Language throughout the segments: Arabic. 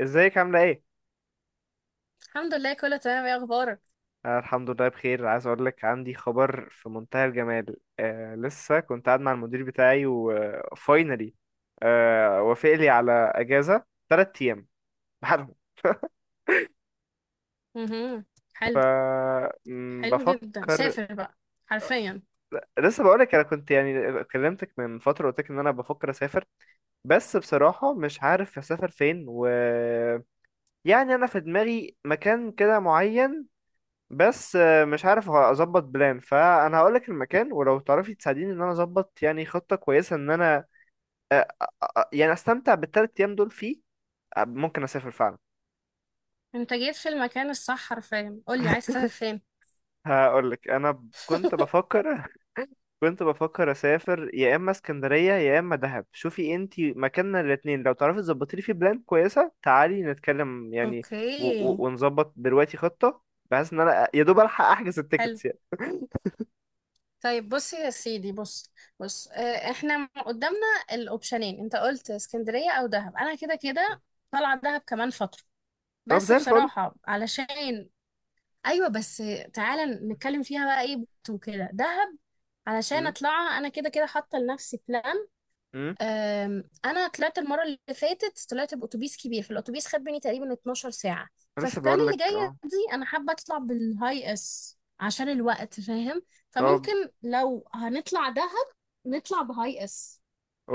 ازيك عاملة ايه؟ الحمد لله، كله تمام. ايه اخبارك؟ أنا الحمد لله بخير. عايز اقول لك عندي خبر في منتهى الجمال. لسه كنت قاعد مع المدير بتاعي وفاينلي، وافق لي على اجازة 3 ايام بحالهم. مهم. ف حلو. م، حلو جدا، بفكر. سافر بقى. حرفيا لسه بقول لك، انا كنت يعني كلمتك من فترة قلت لك ان انا بفكر اسافر، بس بصراحة مش عارف اسافر فين، و يعني انا في دماغي مكان كده معين. بس مش عارف اظبط بلان. فانا هقول لك المكان، ولو تعرفي تساعديني ان انا اظبط يعني خطة كويسة ان انا آه، يعني استمتع بالثلاث ايام دول فيه. ممكن اسافر فعلا. انت جيت في المكان الصح. حرفيا قولي عايز تسافر فين. هقول لك انا كنت بفكر. كنت بفكر اسافر يا اما اسكندرية يا اما دهب. شوفي انتي مكاننا الاتنين، لو تعرفي تظبطي لي في بلان كويسة تعالي نتكلم يعني. و- اوكي. و- ونظبط دلوقتي خطة، بحيث ان انا يا دوب الحق احجز حلو. التيكتس يعني. طيب بصي يا سيدي. بص. احنا قدامنا الاوبشنين. انت قلت اسكندرية او دهب. انا كده كده طالعة دهب كمان فترة، طب بس زي الفل. بصراحة علشان، ايوه بس تعالى نتكلم فيها بقى ايه وكده. دهب علشان امم اطلعها، انا كده كده حاطة لنفسي بلان. امم انا طلعت المره اللي فاتت، طلعت باتوبيس كبير، فالاتوبيس خد مني تقريبا 12 ساعه. ففي لسه بلان بقول اللي لك. جايه اه دي انا حابه اطلع بالهاي اس عشان الوقت، فاهم؟ طب فممكن لو هنطلع دهب نطلع بهاي اس.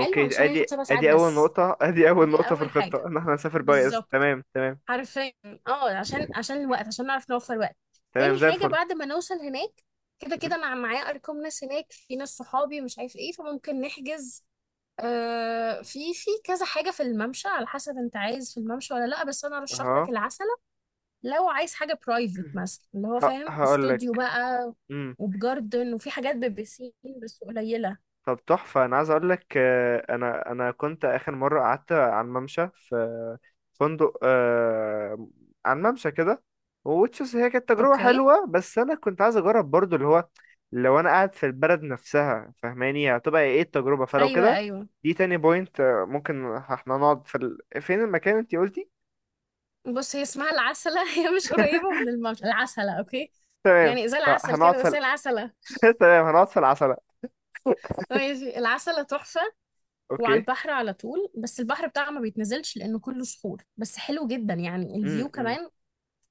حلو، علشان ادي هياخد سبع ساعات ادي اول بس. نقطة. ادي اول دي نقطة في اول الخطة حاجه. ان احنا نسافر باي اس. بالظبط. تمام تمام حرفيا. اه عشان الوقت، عشان نعرف نوفر وقت. تمام تاني زي حاجه، الفل. بعد ما نوصل هناك، كده كده مم. انا معايا ارقام ناس هناك، في ناس صحابي مش عارف ايه، فممكن نحجز. في كذا حاجة في الممشى، على حسب انت عايز في الممشى ولا لا، بس انا ارشح ها. لك العسلة. لو عايز حاجة برايفت مثلا، اللي هو فاهم، هقول استوديو لك. بقى وبجاردن، وفي حاجات ببسين بس قليلة. طب تحفة، أنا عايز أقول لك أنا كنت آخر مرة قعدت على الممشى في فندق، على الممشى كده وتشوز. هي كانت تجربة اوكي. حلوة، بس أنا كنت عايز أجرب برضو اللي هو لو أنا قاعد في البلد نفسها، فاهماني هتبقى إيه التجربة. فلو ايوه كده ايوه. دي تاني بوينت. ممكن احنا نقعد في فين المكان أنتي قلتي؟ بص، هي اسمها العسلة. هي مش قريبة من الممشى، العسلة، اوكي؟ تمام يعني زي العسل فهنقعد كده في بس هي العسلة. تمام هنقعد في العسلة. ماشي. العسلة تحفة، وعلى أوكي. البحر على طول، بس البحر بتاعها ما بيتنزلش لأنه كله صخور، بس حلو جدا يعني، م الفيو -م. كمان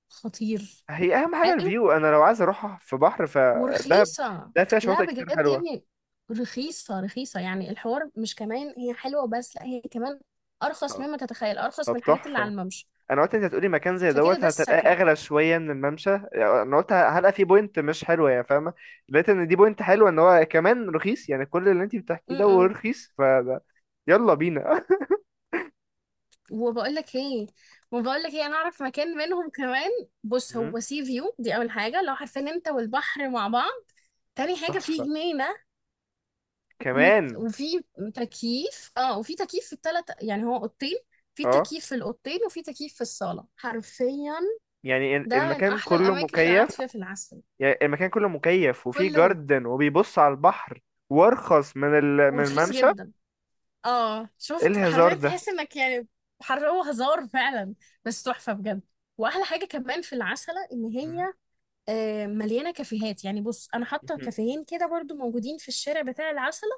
خطير. هي اهم حاجه حلو. الفيو. انا لو عايز اروح في بحر فدهب، ورخيصة. ده فيها لا شواطئ كتير بجد يا حلوه. ابني، رخيصة رخيصة. يعني الحوار مش كمان هي حلوة بس، لا هي كمان أرخص طب. مما تتخيل، أرخص طب من الحاجات اللي على تحفه. الممشى. انا قلت انت هتقولي مكان زي فكده دوت ده هتلاقيه السكن. اغلى شويه من الممشى، يعني انا قلت هلقى فيه بوينت مش حلوه، يعني فاهمه. لقيت ان دي بوينت حلوه، ان هو كمان رخيص، يعني كل اللي انت بتحكيه ده م-م. ورخيص فده. يلا بينا. وبقول لك ايه وبقول لك ايه، انا اعرف مكان منهم كمان. بص، مم، هو سي فيو، دي اول حاجه، لو عارفين انت والبحر مع بعض. تاني حاجه، في تحفه جنينه، كمان. وفي تكييف. اه، وفي تكييف في الثلاث، يعني هو اوضتين، في اه تكييف في الاوضتين وفي تكييف في الصاله حرفيا. يعني ده من المكان احلى كله الاماكن اللي قعدت مكيف. فيها في العسل. يعني المكان كله مكيف وفيه كله جاردن وبيبص على البحر وارخص من من ورخيص الممشى. جدا. اه ايه شفت، الهزار حرفيا ده. تحس انك يعني حرقوا هزار فعلا، بس تحفه بجد. واحلى حاجه كمان في العسله ان مم. هي مليانه كافيهات. يعني بص، انا حاطه مم. كافيهين كده برضو، موجودين في الشارع بتاع العسله.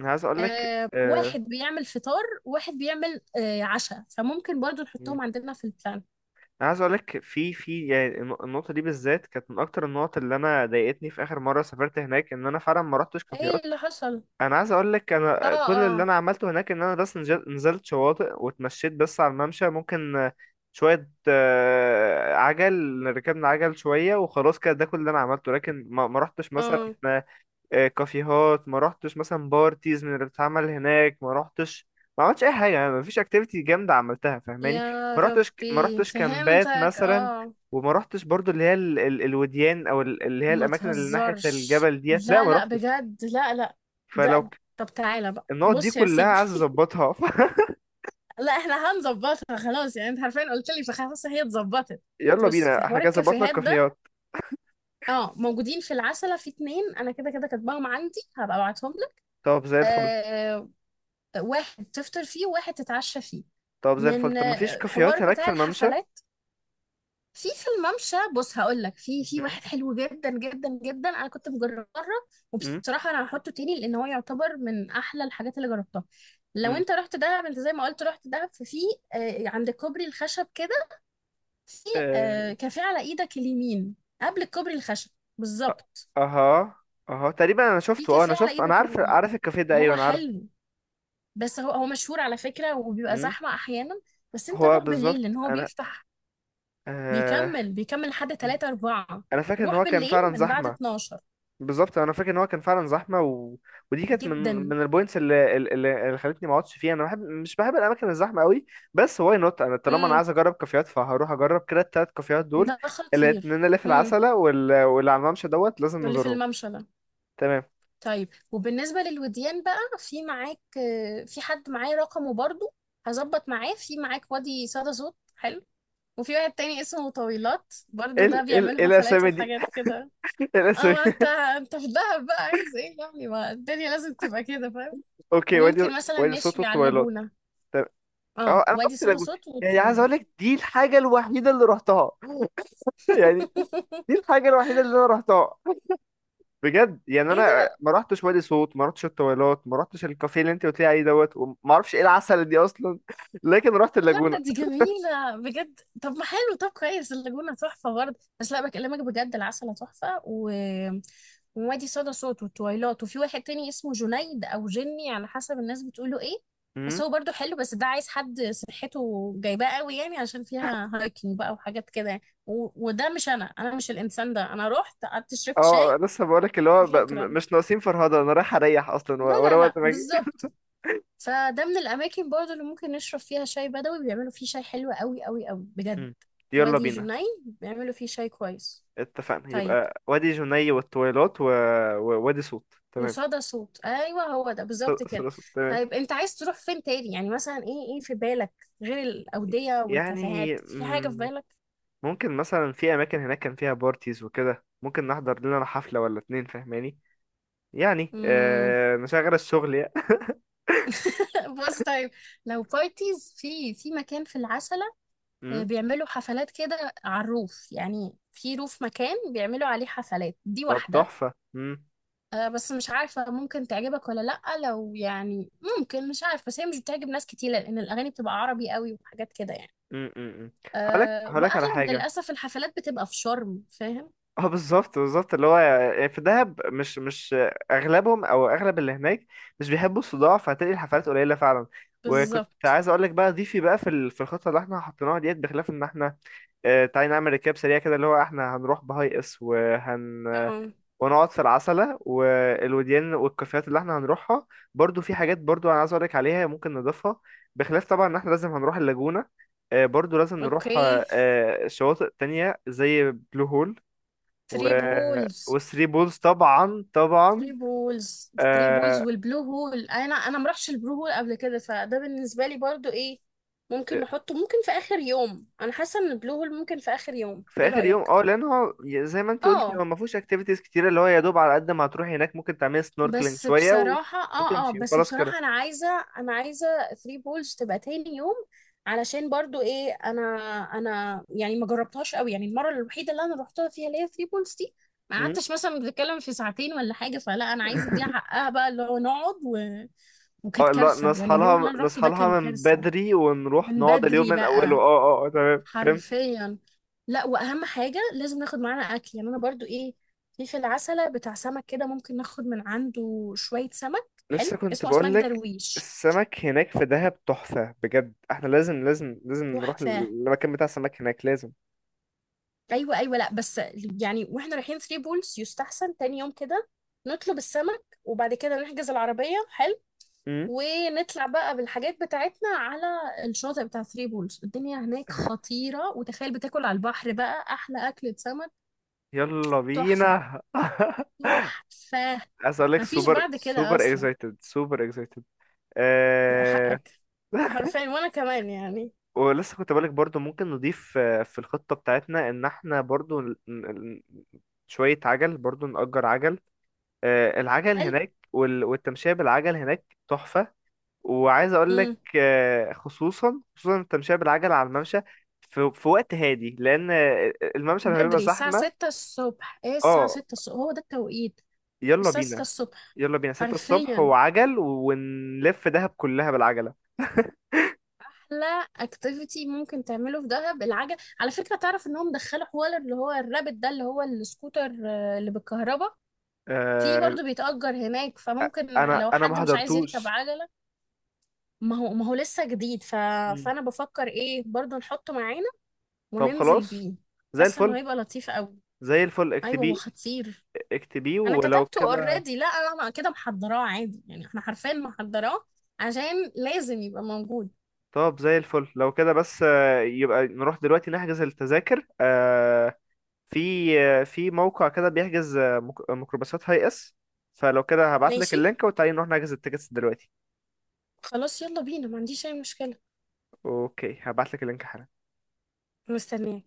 انا عايز اقول لك واحد بيعمل فطار، واحد بيعمل عشاء، فممكن برضو مم. نحطهم عندنا في البلان. انا عايز اقول لك في يعني النقطه دي بالذات كانت من اكتر النقط اللي انا ضايقتني في اخر مره سافرت هناك، ان انا فعلا ما رحتش ايه كافيهات. اللي حصل؟ انا عايز اقول لك اه انا كل اللي اه انا عملته هناك ان انا بس نزلت شواطئ واتمشيت بس على الممشى. ممكن شويه عجل، ركبنا عجل شويه وخلاص كده، ده كل اللي انا عملته، لكن ما رحتش مثلا اه كافيهات. ما رحتش مثلا بارتيز من اللي بتتعمل هناك. ما رحتش، ما عملتش اي حاجه، يعني ما فيش اكتيفيتي جامده عملتها فاهماني. يا ما رحتش، ما ربي رحتش كامبات فهمتك، مثلا. اه. وما رحتش برضو اللي هي الوديان او اللي هي ما الاماكن اللي ناحيه تهزرش، الجبل ديت، لا لا ما لا رحتش. بجد، لا لا. فلو ده ك- طب تعالى بقى، النقط دي بص يا كلها سيدي. عايز اظبطها. لا احنا هنظبطها خلاص، يعني انت عارفين قلت لي، فخلاص هي اتظبطت. يلا بص، في بينا، احنا حوار كده ظبطنا الكافيهات ده، الكافيهات. اه موجودين في العسلة، في اتنين انا كده كده كاتباهم عندي، هبقى ابعتهم لك. طب زي الفل. آه. واحد تفطر فيه وواحد تتعشى فيه. طب زي الفل. من طب ما فيش حوار كافيهات هناك في بتاع الممشى؟ الحفلات في في الممشى، بص هقول لك، في مم، واحد حلو جدا جدا جدا، انا كنت مجربه مره، مم، وبصراحه انا هحطه تاني لان هو يعتبر من احلى الحاجات اللي جربتها. لو انت رحت دهب، انت زي ما قلت رحت دهب، ففي آه عند كوبري الخشب كده، في آه مم. كافيه على ايدك اليمين، قبل الكوبري الخشب، بالظبط. اها، اها تقريبا انا في شفته. اه كافيه انا على شفته، انا ايدك عارف، اليمين، عارف الكافيه ده. ايوه هو انا عارفه. حلو بس هو مشهور على فكره، وبيبقى امم. زحمه احيانا، بس انت هو روح بالظبط. بالليل لان هو انا بيفتح، آه بيكمل لحد مم. 3 4. انا فاكر ان روح هو كان بالليل فعلا من بعد زحمه. 12. بالظبط، انا فاكر ان هو كان فعلا زحمه و... ودي كانت من جدا. البوينتس اللي خلتني ما اقعدش فيها. انا بحب، مش بحب الاماكن الزحمه قوي. بس واي نوت، انا طالما انا امم. عايز اجرب كافيهات فهروح اجرب كده التلات كافيهات دول. ده خطير. الاتنين اللي في امم. العسله واللي على الممشى دوت لازم اللي في نزورهم. الممشى ده. تمام. طيب، وبالنسبة للوديان بقى، في معاك في حد معايا رقمه برضو، هظبط معاه. في معاك وادي صدى صوت، حلو، وفي واحد تاني اسمه طويلات برضو، ده ال ال بيعملوا حفلات الاسامي دي. وحاجات كده. اه، الاسامي. ما انت انت في دهب بقى، عايز ايه يعني؟ ما الدنيا لازم تبقى كده، فاهم. اوكي. وادي، وممكن مثلا وادي صوت نشوي على الطويلات. اللاجونة. طب اه، اه انا وادي رحت صدى اللاجون، صوت يعني عايز وطويلات. اقول لك دي الحاجه الوحيده اللي رحتها. يعني دي الحاجه الوحيده اللي انا رحتها. بجد يعني ايه انا ده؟ ما رحتش وادي صوت، ما رحتش الطويلات، ما رحتش الكافيه اللي انت قلت لي عليه دوت، وما اعرفش ايه العسل دي اصلا. لكن رحت لا اللاجونه. ده دي جميلة بجد. طب ما حلو، طب كويس، اللاجونة تحفة برضه، بس لا بكلمك بجد، العسل تحفة، و... ووادي صدى صوت والتويلات، وفي واحد تاني اسمه جنيد أو جني على حسب الناس بتقوله ايه، بس امم. هو برضه حلو، بس ده عايز حد صحته جايباه قوي، يعني عشان فيها هايكنج بقى وحاجات كده يعني. و... وده مش أنا مش الإنسان ده. أنا رحت قعدت شربت شاي اه لسه بقول لك اللي هو وشكرا. مش ناقصين فرهده. انا رايح اريح اصلا لا ورا لا لا وقت ما اجي. بالظبط. فده من الأماكن برضو اللي ممكن نشرب فيها شاي بدوي، بيعملوا فيه شاي حلو قوي قوي قوي بجد. مم. يلا وادي بينا. جني بيعملوا فيه شاي كويس. اتفقنا طيب، يبقى وادي جني والطويلات و... ووادي صوت. تمام. وصدى صوت، أيوة هو ده بالظبط كده. ثلاث صوت تمام. طيب، أنت عايز تروح فين تاني يعني؟ مثلا إيه، إيه في بالك غير الأودية يعني والكافيهات؟ في حاجة في بالك؟ ممكن مثلا في اماكن هناك كان فيها بارتيز وكده، ممكن نحضر لنا حفلة ولا اتنين فاهماني. يعني مم. نشغل الشغل يعني. بص طيب، لو بارتيز، في مكان في العسلة مم. بيعملوا حفلات كده على الروف، يعني في روف مكان بيعملوا عليه حفلات، دي طب واحدة. تحفة. مم. بس مش عارفة ممكن تعجبك ولا لأ، لو يعني ممكن، مش عارفة، بس هي مش بتعجب ناس كتير لأن الأغاني بتبقى عربي قوي وحاجات كده يعني. مم. مم. مم. هقولك، أه، هقولك على وأغلب حاجة. للأسف الحفلات بتبقى في شرم، فاهم. اه بالظبط، بالظبط اللي هو يعني في دهب مش اغلبهم، او اغلب اللي هناك مش بيحبوا الصداع فهتلاقي الحفلات قليلة فعلا. وكنت بالظبط. عايز اقول لك بقى ضيفي بقى في في الخطه اللي احنا حطيناها ديت، بخلاف ان احنا تعالي نعمل ركاب سريع كده اللي هو احنا هنروح بهاي اس اه. ونقعد في العسلة والوديان والكافيهات اللي احنا هنروحها. برضو في حاجات برضو انا عايز اقولك عليها ممكن نضيفها، بخلاف طبعا ان احنا لازم هنروح اللاجونة. برضو لازم نروح اوكي. شواطئ تانية زي بلو هول و... ثري بولز. وثري بولز طبعا، طبعا ثري بولز. ثري بولز آه، والبلو هول. انا ما رحتش البلو هول قبل كده، فده بالنسبه لي برضو ايه، ممكن نحطه، ممكن في اخر يوم، انا حاسه ان البلو هول ممكن في اخر يوم، في ايه اخر يوم. اه رايك؟ لان هو زي ما انت قلتي اه هو ما فيهوش اكتيفيتيز كتيره، اللي هو يا دوب على قد ما هتروحي هناك ممكن تعملي سنوركلينج بس شويه بصراحة، اه وتمشي بس وخلاص كده. بصراحة انا عايزة 3 بولز تبقى تاني يوم، علشان برضو ايه، انا يعني ما جربتهاش قوي، يعني المرة الوحيدة اللي انا رحتها فيها، اللي هي 3 بولز دي، ما مم. قعدتش مثلا بنتكلم في ساعتين ولا حاجة، فلا انا عايزة اديها حقها بقى، اللي هو نقعد، و... وكانت اه لا، كارثة يعني، نصحى اليوم اللي لها، انا رحته نصحى ده كان لها من كارثة. بدري ونروح من نقعد اليوم بدري من اوله. بقى. اه، اه، اه تمام فهمت. حرفيا. لا، واهم حاجه لازم ناخد معانا اكل، يعني انا برضو ايه، في العسله بتاع سمك كده، ممكن ناخد من عنده شويه سمك لسه حلو، كنت اسمه اسماك بقول لك درويش. السمك هناك في دهب تحفة بجد. احنا لازم، لازم، لازم نروح تحفه. المكان بتاع السمك هناك، لازم. ايوه ايوه، لا بس يعني، واحنا رايحين ثري بولز يستحسن تاني يوم كده، نطلب السمك وبعد كده نحجز العربيه. حلو. امم. ونطلع بقى بالحاجات بتاعتنا على الشاطئ بتاع ثري بولز. الدنيا هناك خطيره، وتخيل بتاكل على البحر بقى احلى اكله سمك. يلا تحفه. بينا. تحفة. عايز اقول لك مفيش سوبر بعد كده سوبر أصلا. اكسايتد، سوبر اكسايتد. يا آه... حقك. حرفيا وأنا كمان يعني. ولسه كنت بقولك برضو ممكن نضيف في الخطة بتاعتنا ان احنا برضو شوية عجل، برضو نأجر عجل. العجل حلو. هناك والتمشية بالعجل هناك تحفة. وعايز اقول لك مم. خصوصا، خصوصا التمشية بالعجل على الممشى في، وقت هادي، لان الممشى لما بيبقى بدري الساعة زحمة. ستة الصبح. ايه الساعة اه ستة الصبح هو ده التوقيت. يلا الساعة ستة بينا. الصبح. يلا بينا 6 الصبح حرفيا. وعجل ونلف دهب كلها بالعجلة. أحلى اكتيفيتي ممكن تعمله في دهب العجل، على فكرة تعرف إنهم دخلوا حوار اللي هو الرابت ده، اللي هو السكوتر اللي بالكهرباء. في آه، برضه بيتأجر هناك، فممكن انا لو انا ما حد مش عايز يركب حضرتوش. عجلة. ما هو لسه جديد. ف... مم. فأنا بفكر إيه برضه نحطه معانا طب وننزل خلاص بيه. زي حاسه انه الفل. هيبقى لطيف قوي. زي الفل ايوه هو اكتبيه. خطير. اكتبيه انا ولو كتبته كده. اوريدي، لا انا كده محضراه عادي، يعني احنا حرفيا محضراه، عشان لازم يبقى موجود. طب زي الفل لو كده، بس يبقى نروح دلوقتي نحجز التذاكر. في، في موقع كده بيحجز ميكروباصات هاي اس. فلو كده هبعت لك ماشي. اللينك وتعالي نروح نحجز التيكتس دلوقتي. خلاص يلا بينا، ما عنديش اي مشكله. اوكي هبعت لك اللينك حالا. مستنياك.